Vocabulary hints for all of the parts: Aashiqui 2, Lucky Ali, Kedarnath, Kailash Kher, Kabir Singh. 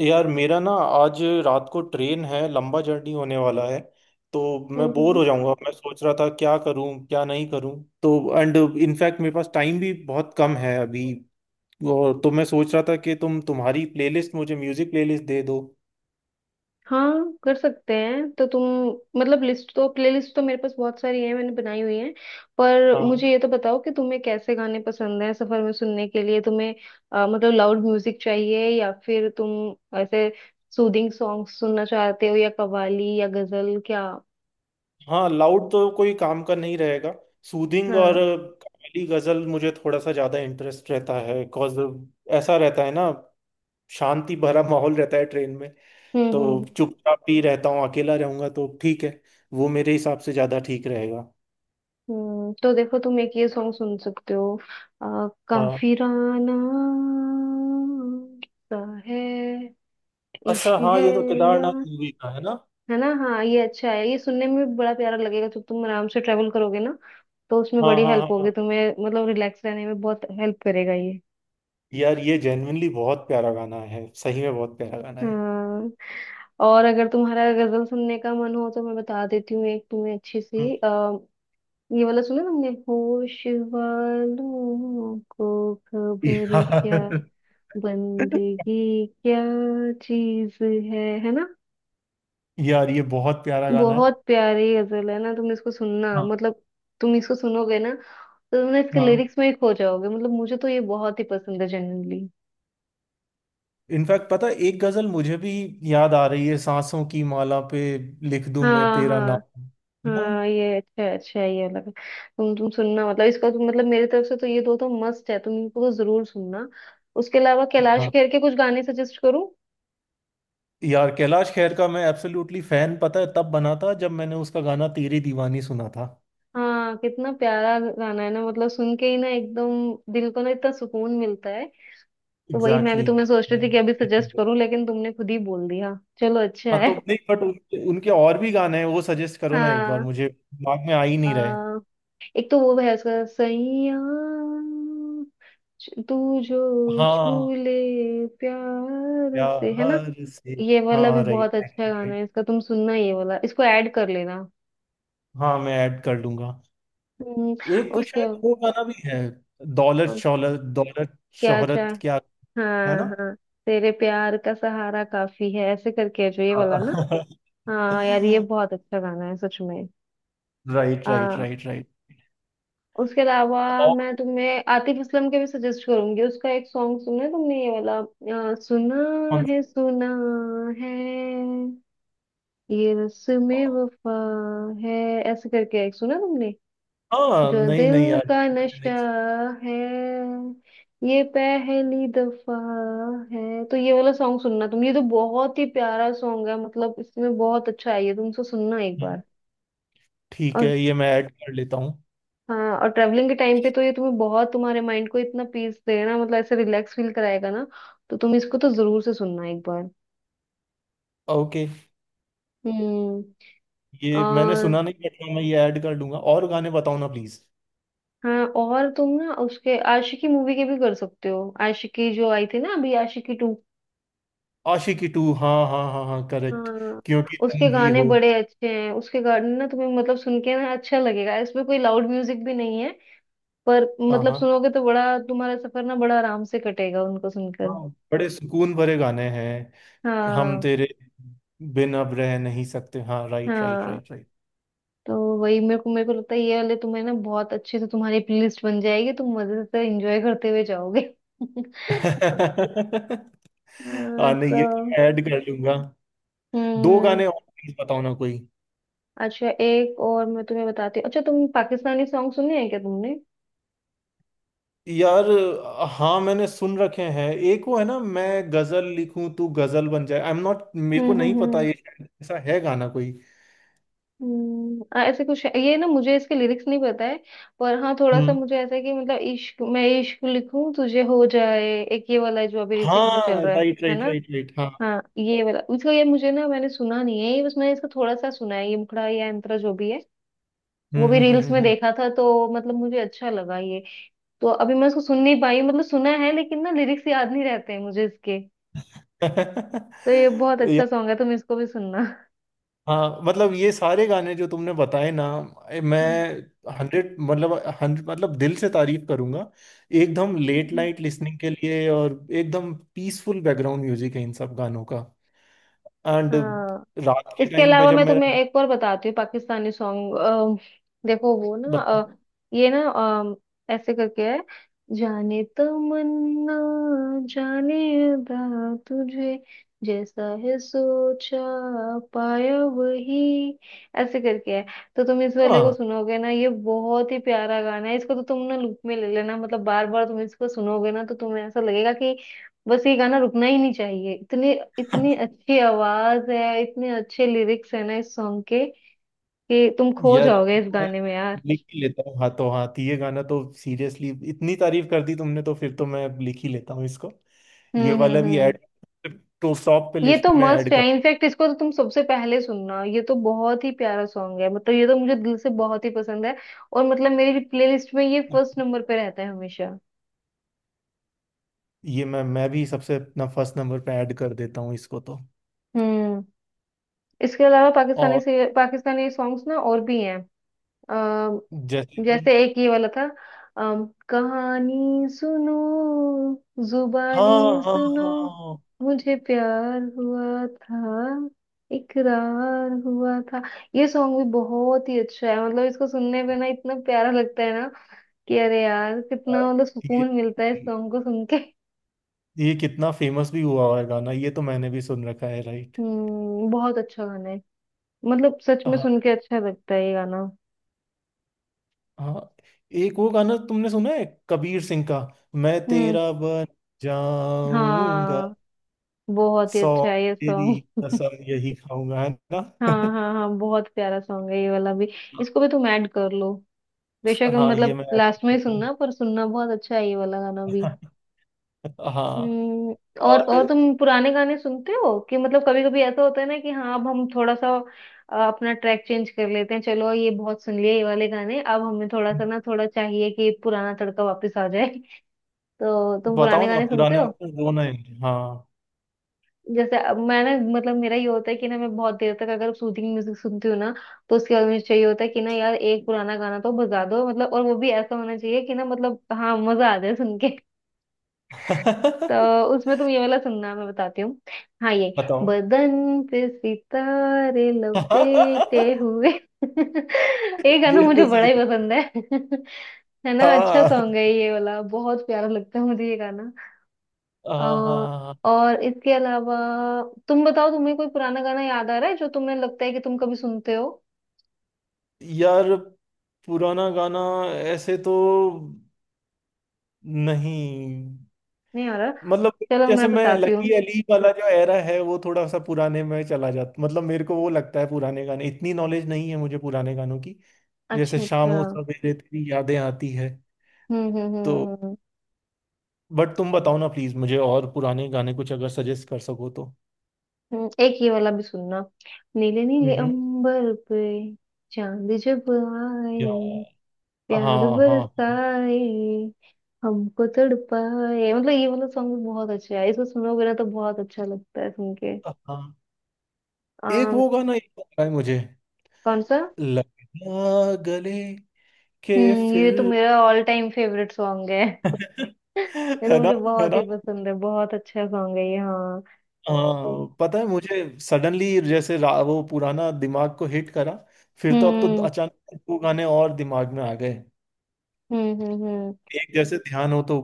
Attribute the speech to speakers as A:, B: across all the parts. A: यार मेरा ना आज रात को ट्रेन है। लंबा जर्नी होने वाला है तो मैं
B: हम्म
A: बोर
B: हम्म।
A: हो जाऊंगा। मैं सोच रहा था क्या करूं क्या नहीं करूं। तो एंड इनफैक्ट मेरे पास टाइम भी बहुत कम है अभी। और तो मैं सोच रहा था कि तुम तुम्हारी प्लेलिस्ट मुझे म्यूजिक प्लेलिस्ट दे दो।
B: हाँ, कर सकते हैं। तो तुम मतलब लिस्ट तो प्लेलिस्ट तो मेरे पास बहुत सारी है, मैंने बनाई हुई है। पर मुझे
A: हाँ।
B: ये तो बताओ कि तुम्हें कैसे गाने पसंद हैं सफर में सुनने के लिए तुम्हें। मतलब लाउड म्यूजिक चाहिए या फिर तुम ऐसे सूदिंग सॉन्ग सुनना चाहते हो, या कव्वाली या गजल क्या?
A: हाँ लाउड तो कोई काम का नहीं रहेगा। सूदिंग और
B: हाँ।
A: कव्वाली गजल मुझे थोड़ा सा ज्यादा इंटरेस्ट रहता है बिकॉज ऐसा रहता है ना। शांति भरा माहौल रहता है ट्रेन में।
B: हम्म हम्म
A: तो
B: हम्म
A: चुपचाप ही रहता हूँ। अकेला रहूंगा तो ठीक है। वो मेरे हिसाब से ज्यादा ठीक रहेगा।
B: हम्म। तो देखो, तुम एक ये सॉन्ग सुन सकते हो, अ,
A: हाँ।
B: काफिराना सा है,
A: अच्छा
B: इश्क
A: हाँ
B: है,
A: ये तो
B: या
A: केदारनाथ मूवी का है ना।
B: है ना। हाँ, ये अच्छा है, ये सुनने में भी बड़ा प्यारा लगेगा जब तुम आराम से ट्रेवल करोगे ना। तो उसमें
A: हाँ
B: बड़ी
A: हाँ
B: हेल्प
A: हाँ
B: होगी
A: हाँ।
B: तुम्हें, मतलब रिलैक्स रहने में बहुत हेल्प करेगा ये।
A: यार ये जेन्युइनली बहुत प्यारा गाना है। सही में बहुत प्यारा गाना है।
B: हाँ। और अगर तुम्हारा गजल सुनने का मन हो तो मैं बता देती हूँ एक तुम्हें अच्छी
A: हम्म।
B: सी। ये वाला सुना तुमने, होश वालों को खबर क्या,
A: यार।
B: बंदगी क्या चीज है ना?
A: यार ये बहुत प्यारा गाना है।
B: बहुत प्यारी गजल है ना। तुम इसको सुनना,
A: हाँ
B: मतलब तुम इसको सुनोगे ना तो तुम ना इसके
A: हाँ।
B: लिरिक्स में ही खो जाओगे। मतलब मुझे तो ये बहुत ही पसंद है जनरली।
A: इनफैक्ट पता है, एक गजल मुझे भी याद आ रही है, सांसों की माला पे लिख दूं मैं
B: हाँ
A: तेरा
B: हाँ
A: नाम। है ना।
B: हाँ, ये अच्छा है, अच्छा है, ये अलग है। तुम सुनना मतलब इसका, तो मतलब मेरी तरफ से तो ये दो तो मस्ट है, तुम इनको तो जरूर सुनना। उसके अलावा कैलाश
A: हाँ
B: खेर के कुछ गाने सजेस्ट करूँ?
A: यार कैलाश खेर का मैं एब्सोल्युटली फैन। पता है तब बना था जब मैंने उसका गाना तेरी दीवानी सुना था।
B: हाँ, कितना प्यारा गाना है ना, मतलब सुन के ही ना एकदम दिल को ना इतना सुकून मिलता है। तो वही मैं भी
A: एग्जैक्टली।
B: तुम्हें सोच रही थी कि अभी
A: हम्म।
B: सजेस्ट करूँ, लेकिन तुमने खुद ही बोल दिया। चलो अच्छा
A: हाँ
B: है।
A: तो नहीं बट उनके और भी गाने हैं वो सजेस्ट करो ना एक बार।
B: हाँ।
A: मुझे दिमाग में आ ही नहीं रहे।
B: आ, एक तो वो है उसका, सैया तू जो छू
A: हाँ
B: ले प्यार से, है ना?
A: प्यार से।
B: ये वाला भी
A: हाँ राइट
B: बहुत अच्छा गाना
A: राइट।
B: है इसका, तुम सुनना ये वाला, इसको ऐड कर लेना।
A: हाँ मैं ऐड कर लूंगा।
B: हम्म,
A: एक तो
B: उसके
A: शायद वो गाना भी है, दौलत
B: बाद
A: शौलत दौलत
B: क्या चाहे।
A: शोहरत क्या। है
B: हाँ
A: ना।
B: हाँ, तेरे प्यार का सहारा काफी है, ऐसे करके है जो ये वाला ना। हाँ यार, ये बहुत अच्छा गाना है सच में।
A: राइट राइट
B: हाँ।
A: Right right.
B: उसके अलावा
A: और
B: मैं तुम्हें आतिफ असलम के भी सजेस्ट करूंगी। उसका एक सॉन्ग सुना है तुमने ये वाला, सुना
A: कौन
B: है, सुना है ये
A: सा?
B: रस्मे वफा है, ऐसे करके एक सुना तुमने,
A: हाँ
B: जो
A: नहीं नहीं
B: दिल
A: यार
B: का
A: ये मैंने नहीं
B: नशा
A: सुना।
B: है, ये पहली दफा है। तो ये वाला सॉन्ग सुनना तुम, ये तो बहुत ही प्यारा सॉन्ग है, मतलब इसमें बहुत अच्छा है ये, तुम इसको सुनना एक
A: हम्म,
B: बार।
A: ठीक
B: और
A: है ये मैं ऐड कर लेता हूँ।
B: हाँ, और ट्रेवलिंग के टाइम पे तो ये तुम्हें बहुत, तुम्हारे माइंड को इतना पीस देगा, मतलब ऐसे रिलैक्स फील कराएगा ना। तो तुम इसको तो जरूर से सुनना एक बार।
A: ओके।
B: हम्म।
A: ये मैंने
B: और
A: सुना नहीं बट हाँ, मैं ये ऐड कर लूंगा। और गाने बताओ ना प्लीज।
B: हाँ, और तुम ना उसके आशिकी मूवी के भी कर सकते हो। आशिकी जो आई थी ना, अभी आशिकी टू।
A: आशिकी टू, हाँ हाँ हाँ हाँ करेक्ट।
B: हाँ।
A: क्योंकि
B: उसके
A: तुम ही
B: गाने
A: हो।
B: बड़े अच्छे हैं, उसके गाने ना तुम्हें मतलब सुन के ना अच्छा लगेगा, इसमें कोई लाउड म्यूजिक भी नहीं है। पर
A: हाँ
B: मतलब
A: हाँ
B: सुनोगे तो बड़ा तुम्हारा सफर ना बड़ा आराम से कटेगा उनको सुनकर।
A: हाँ बड़े सुकून भरे गाने हैं। हम
B: हाँ
A: तेरे बिन अब रह नहीं सकते। हाँ राइट राइट
B: हाँ।
A: Right right.
B: तो वही मेरे को लगता है ये वाले तुम्हें ना बहुत अच्छे से, तुम्हारी प्लेलिस्ट बन जाएगी, तुम मजे से एंजॉय करते हुए जाओगे। हाँ,
A: हाँ नहीं ये
B: तो
A: ऐड कर लूंगा। दो
B: हम्म।
A: गाने और प्लीज बताओ ना कोई।
B: अच्छा, एक और मैं तुम्हें बताती हूँ। अच्छा तुम पाकिस्तानी सॉन्ग सुने हैं क्या तुमने?
A: यार हाँ मैंने सुन रखे हैं। एक वो है ना, मैं गजल लिखूं तू गजल बन जाए। आई एम नॉट, मेरे
B: हम्म
A: को नहीं
B: हम्म
A: पता
B: हम्म
A: ये शायद ऐसा है गाना कोई।
B: हम्म। ऐसे कुछ है ये ना, मुझे इसके लिरिक्स नहीं पता है। पर हाँ, थोड़ा सा
A: हम्म।
B: मुझे ऐसा है कि मतलब इश्क, मैं इश्क लिखूं तुझे हो जाए, एक ये वाला है जो अभी रिसेंट
A: हाँ
B: में चल रहा है
A: राइट
B: है
A: राइट
B: ना।
A: Right right. हाँ।
B: हाँ, ये वाला इसका ये मुझे ना मैंने सुना नहीं है ये, बस मैंने इसका थोड़ा सा सुना है, ये मुखड़ा या अंतरा जो भी है वो भी रील्स में
A: हम्म।
B: देखा था, तो मतलब मुझे अच्छा लगा ये। तो अभी मैं उसको सुन नहीं पाई, मतलब सुना है लेकिन ना लिरिक्स याद नहीं रहते हैं मुझे इसके। तो ये बहुत
A: या,
B: अच्छा सॉन्ग है, तुम इसको भी सुनना।
A: हाँ मतलब ये सारे गाने जो तुमने बताए ना, मैं 100 मतलब 100 मतलब दिल से तारीफ करूंगा। एकदम लेट
B: हम्म।
A: नाइट लिसनिंग के लिए। और एकदम पीसफुल बैकग्राउंड म्यूजिक है इन सब गानों का। एंड
B: हाँ,
A: रात के
B: इसके
A: टाइम पे
B: अलावा
A: जब
B: मैं
A: मेरा।
B: तुम्हें एक और बताती हूँ पाकिस्तानी सॉन्ग। देखो वो ना ये ना ऐसे करके है, जाने तमन्ना, जाने अदा तुझे, जैसा है सोचा पाया वही, ऐसे करके है। तो तुम इस वाले को
A: हाँ
B: सुनोगे ना, ये बहुत ही प्यारा गाना है। इसको तो तुम ना लूप में ले लेना, मतलब बार बार तुम इसको सुनोगे ना तो तुम्हें ऐसा लगेगा कि बस ये गाना रुकना ही नहीं चाहिए। इतने, इतनी अच्छी आवाज है, इतने अच्छे लिरिक्स है ना इस सॉन्ग के, कि तुम खो
A: यार
B: जाओगे
A: ये
B: इस
A: तो मैं
B: गाने में यार।
A: लिख ही लेता हूँ हाथों हाथ। ये गाना तो सीरियसली, इतनी तारीफ कर दी तुमने तो फिर तो मैं लिख ही लेता हूँ इसको। ये वाला भी
B: हम्म।
A: ऐड, तो टॉप पे
B: ये
A: लिस्ट
B: तो
A: में
B: मस्त
A: ऐड
B: है,
A: कर।
B: इनफैक्ट इसको तो तुम सबसे पहले सुनना, ये तो बहुत ही प्यारा सॉन्ग है, मतलब ये तो मुझे दिल से बहुत ही पसंद है। और मतलब मेरी प्लेलिस्ट में ये फर्स्ट नंबर पे रहता है हमेशा।
A: ये मैं भी सबसे अपना फर्स्ट नंबर पे ऐड कर देता हूँ इसको तो।
B: हम्म। इसके अलावा पाकिस्तानी
A: और
B: से पाकिस्तानी सॉन्ग्स ना और भी हैं।
A: जैसे कि।
B: जैसे एक ये वाला था कहानी सुनो, जुबानी
A: हाँ हाँ
B: सुनो,
A: हाँ।
B: मुझे प्यार हुआ था, इकरार हुआ था। ये सॉन्ग भी बहुत ही अच्छा है, मतलब इसको सुनने पे ना इतना प्यारा लगता है ना कि अरे यार, कितना
A: अ,
B: मतलब
A: ये
B: सुकून मिलता है इस सॉन्ग को सुन के।
A: ये कितना फेमस भी हुआ हुआ है गाना, ये तो मैंने भी सुन रखा है। राइट।
B: हम्म, बहुत अच्छा गाना है, मतलब सच में सुन के अच्छा लगता है ये गाना।
A: हाँ एक वो गाना तुमने सुना है कबीर सिंह का, मैं
B: हम्म।
A: तेरा बन जाऊंगा।
B: हाँ, बहुत ही
A: 100
B: अच्छा है ये
A: तेरी
B: सॉन्ग।
A: कसम यही खाऊंगा। है ना।
B: हाँ हाँ हाँ, बहुत प्यारा सॉन्ग है ये वाला भी, इसको भी तुम ऐड कर लो। बेशक
A: हाँ ये
B: मतलब
A: मैं ऐड
B: लास्ट में ही
A: करता हूँ।
B: सुनना, पर सुनना, बहुत अच्छा है ये वाला गाना भी।
A: हाँ
B: हम्म। और
A: और
B: तुम पुराने गाने सुनते हो कि मतलब, कभी कभी ऐसा होता है ना कि हाँ अब हम थोड़ा सा अपना ट्रैक चेंज कर लेते हैं, चलो ये बहुत सुन लिए ये वाले गाने, अब हमें थोड़ा सा ना थोड़ा चाहिए कि पुराना तड़का वापस आ जाए। तो तुम पुराने
A: बताओ ना
B: गाने सुनते
A: पुराने
B: हो?
A: ऑप्शन दो ना। हाँ।
B: जैसे अब मैं ना मतलब मेरा ये होता है कि ना मैं बहुत देर तक अगर सूदिंग म्यूजिक सुनती हूँ ना तो उसके बाद मुझे चाहिए होता है कि ना यार एक पुराना गाना तो बजा दो, मतलब और वो भी ऐसा होना चाहिए कि ना मतलब हाँ, मजा आ जाए सुन के। तो उसमें तुम ये वाला सुनना मैं बताती हूँ। हाँ, ये,
A: बताओ।
B: बदन पे सितारे लपेटे हुए। ये गाना
A: ये
B: मुझे
A: तो सही
B: बड़ा ही
A: है।
B: पसंद है। है ना? अच्छा
A: हाँ
B: सॉन्ग है ये वाला, बहुत प्यारा लगता है मुझे ये गाना।
A: हाँ
B: अ,
A: हाँ हाँ, हाँ।
B: और इसके अलावा तुम बताओ, तुम्हें कोई पुराना गाना याद आ रहा है जो तुम्हें लगता है कि तुम कभी सुनते हो?
A: यार पुराना गाना ऐसे तो नहीं।
B: नहीं आ रहा?
A: मतलब
B: चलो मैं
A: जैसे मैं,
B: बताती हूँ।
A: लकी अली वाला जो एरा है वो थोड़ा सा पुराने में चला जाता। मतलब मेरे को वो लगता है, पुराने गाने इतनी नॉलेज नहीं है मुझे पुराने गानों की। जैसे
B: अच्छा
A: शाम हो
B: अच्छा।
A: सवेरे तेरी यादें आती है। तो
B: हम्म।
A: बट तुम बताओ ना प्लीज मुझे, और पुराने गाने कुछ अगर सजेस्ट कर सको तो।
B: एक ये वाला भी सुनना, नीले नीले
A: हम्म।
B: अंबर पे, चांद जब आए,
A: या हाँ
B: प्यार
A: हाँ हाँ
B: बरसाए, हमको तड़पाए, मतलब ये वाला सॉन्ग भी बहुत अच्छा है, इसको सुनोगे ना तो बहुत अच्छा लगता है सुन के।
A: हाँ हाँ। एक
B: अम,
A: वो गाना, एक और गाना है मुझे,
B: कौन सा?
A: लगना गले के
B: हम्म, ये
A: फिर।
B: तो मेरा ऑल टाइम फेवरेट सॉन्ग है, ये तो
A: है ना।
B: मुझे
A: है
B: बहुत
A: ना।
B: ही पसंद है, बहुत अच्छा सॉन्ग है ये। हाँ।
A: अ, पता है मुझे सडनली जैसे वो पुराना दिमाग को हिट करा। फिर तो अब तो
B: हम्म
A: अचानक दो गाने और दिमाग में आ गए।
B: हम्म।
A: एक जैसे, ध्यान हो तो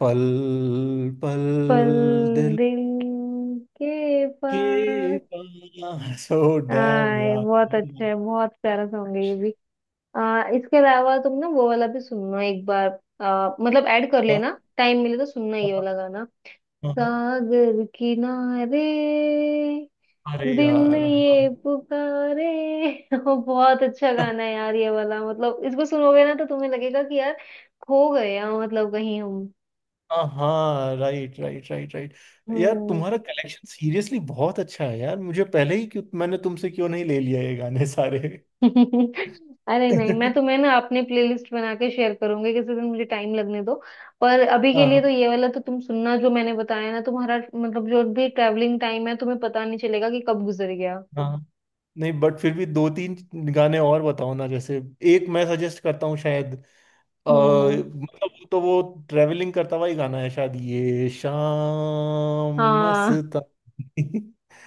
A: पल पल
B: पल
A: दिल
B: दिल के
A: के
B: पास
A: पास। ओ डैम
B: आए,
A: यार।
B: बहुत अच्छा है, बहुत प्यारा सॉन्ग है ये भी। इसके अलावा तुम ना वो वाला भी सुनना एक बार, मतलब ऐड कर
A: हाँ,
B: लेना टाइम मिले तो, सुनना ये
A: हाँ,
B: वाला गाना,
A: हाँ।
B: सागर किनारे,
A: अरे
B: दिल
A: यार
B: ये
A: हाँ
B: पुकारे। ओ, बहुत अच्छा गाना है यार ये वाला, मतलब इसको सुनोगे ना तो तुम्हें लगेगा कि यार खो गए हैं मतलब कहीं हम।
A: हाँ हाँ, राइट राइट राइट राइट। यार
B: हम्म।
A: तुम्हारा कलेक्शन सीरियसली बहुत अच्छा है यार। मुझे पहले ही क्यों, मैंने तुमसे क्यों नहीं ले लिया ये गाने सारे।
B: अरे नहीं, मैं तुम्हें ना अपने प्लेलिस्ट बना के शेयर करूंगी किसी दिन, मुझे टाइम लगने दो। पर अभी के लिए
A: हाँ।
B: तो ये वाला तो तुम सुनना जो मैंने बताया ना, तुम्हारा मतलब जो भी ट्रैवलिंग टाइम है तुम्हें पता नहीं चलेगा कि कब गुजर गया।
A: हाँ नहीं बट फिर भी दो तीन गाने और बताओ ना, जैसे एक मैं सजेस्ट करता हूँ शायद।
B: हम्म हम्म।
A: मतलब वो ट्रेवलिंग करता हुआ ही गाना है शायद, ये शाम
B: हाँ,
A: मस्तानी।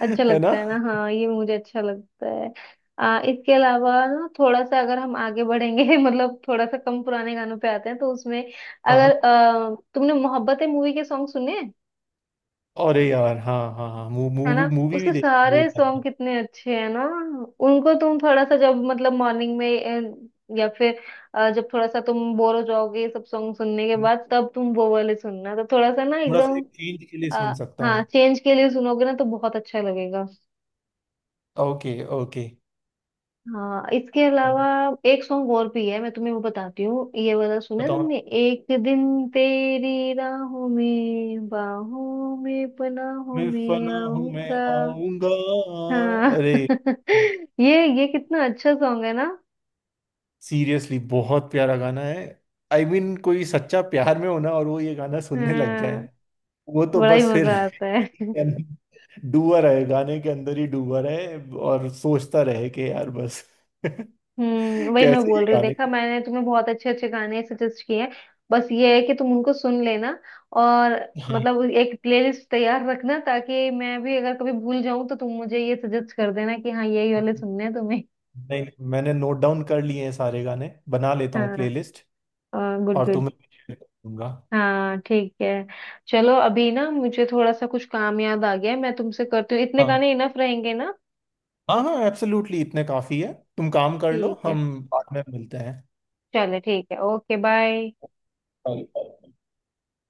B: अच्छा
A: है ना।
B: लगता है ना। हाँ, ये मुझे अच्छा लगता है। इसके अलावा ना थोड़ा सा अगर हम आगे बढ़ेंगे। मतलब थोड़ा सा कम पुराने गानों पे आते हैं, तो उसमें
A: हाँ।
B: अगर तुमने मोहब्बतें मूवी के सॉन्ग सुने हैं?
A: अरे यार हाँ हाँ हाँ,
B: है ना,
A: मूवी मूवी भी
B: उसके
A: देखी बहुत
B: सारे सॉन्ग
A: ज्यादा।
B: कितने अच्छे हैं ना। उनको तुम थोड़ा सा जब मतलब मॉर्निंग में या फिर जब थोड़ा सा तुम बोर हो जाओगे ये सब सॉन्ग सुनने के बाद तब तुम वो वाले सुनना, तो थोड़ा सा ना
A: थोड़ा सा
B: एकदम।
A: एक चेंज के लिए सुन
B: अ,
A: सकता
B: हाँ,
A: हूँ।
B: चेंज के लिए सुनोगे ना तो बहुत अच्छा लगेगा।
A: Okay okay.
B: हाँ, इसके अलावा एक सॉन्ग और भी है मैं तुम्हें वो बताती हूँ, ये वाला सुना है
A: बताओ।
B: तुमने, एक दिन तेरी राहों में बाहों में पनाहों
A: मैं
B: में
A: फना हूँ मैं
B: आऊंगा।
A: आऊंगा।
B: हाँ।
A: अरे।
B: ये कितना अच्छा सॉन्ग है ना।
A: सीरियसली बहुत प्यारा गाना है। आई I मीन mean, कोई सच्चा प्यार में होना और वो ये गाना सुनने लग जाए।
B: हाँ,
A: वो तो
B: बड़ा ही
A: बस फिर।
B: मजा आता है।
A: डूबा रहे, गाने के अंदर ही डूबा रहे। और सोचता रहे कि यार बस।
B: हम्म, वही मैं
A: कैसे
B: बोल
A: ये
B: रही हूँ,
A: गाने
B: देखा,
A: को।
B: मैंने तुम्हें बहुत अच्छे अच्छे गाने सजेस्ट किए हैं। बस ये है कि तुम उनको सुन लेना और
A: हाँ
B: मतलब एक प्लेलिस्ट तैयार रखना ताकि मैं भी अगर कभी भूल जाऊं तो तुम मुझे ये सजेस्ट कर देना कि हाँ यही वाले सुनने हैं तुम्हें।
A: नहीं नहीं, मैंने नोट डाउन कर लिए हैं सारे गाने। बना लेता हूँ
B: हाँ।
A: प्लेलिस्ट।
B: गुड
A: और
B: गुड।
A: तुम्हें भी share कर दूंगा।
B: हाँ ठीक है। चलो अभी ना मुझे थोड़ा सा कुछ काम याद आ गया है, मैं तुमसे करती हूँ, इतने
A: हाँ
B: गाने इनफ रहेंगे ना।
A: हाँ हाँ एब्सोल्युटली इतने काफी है, तुम काम कर लो।
B: ठीक है।
A: हम बाद में मिलते
B: चलो ठीक है, ओके बाय।
A: हैं।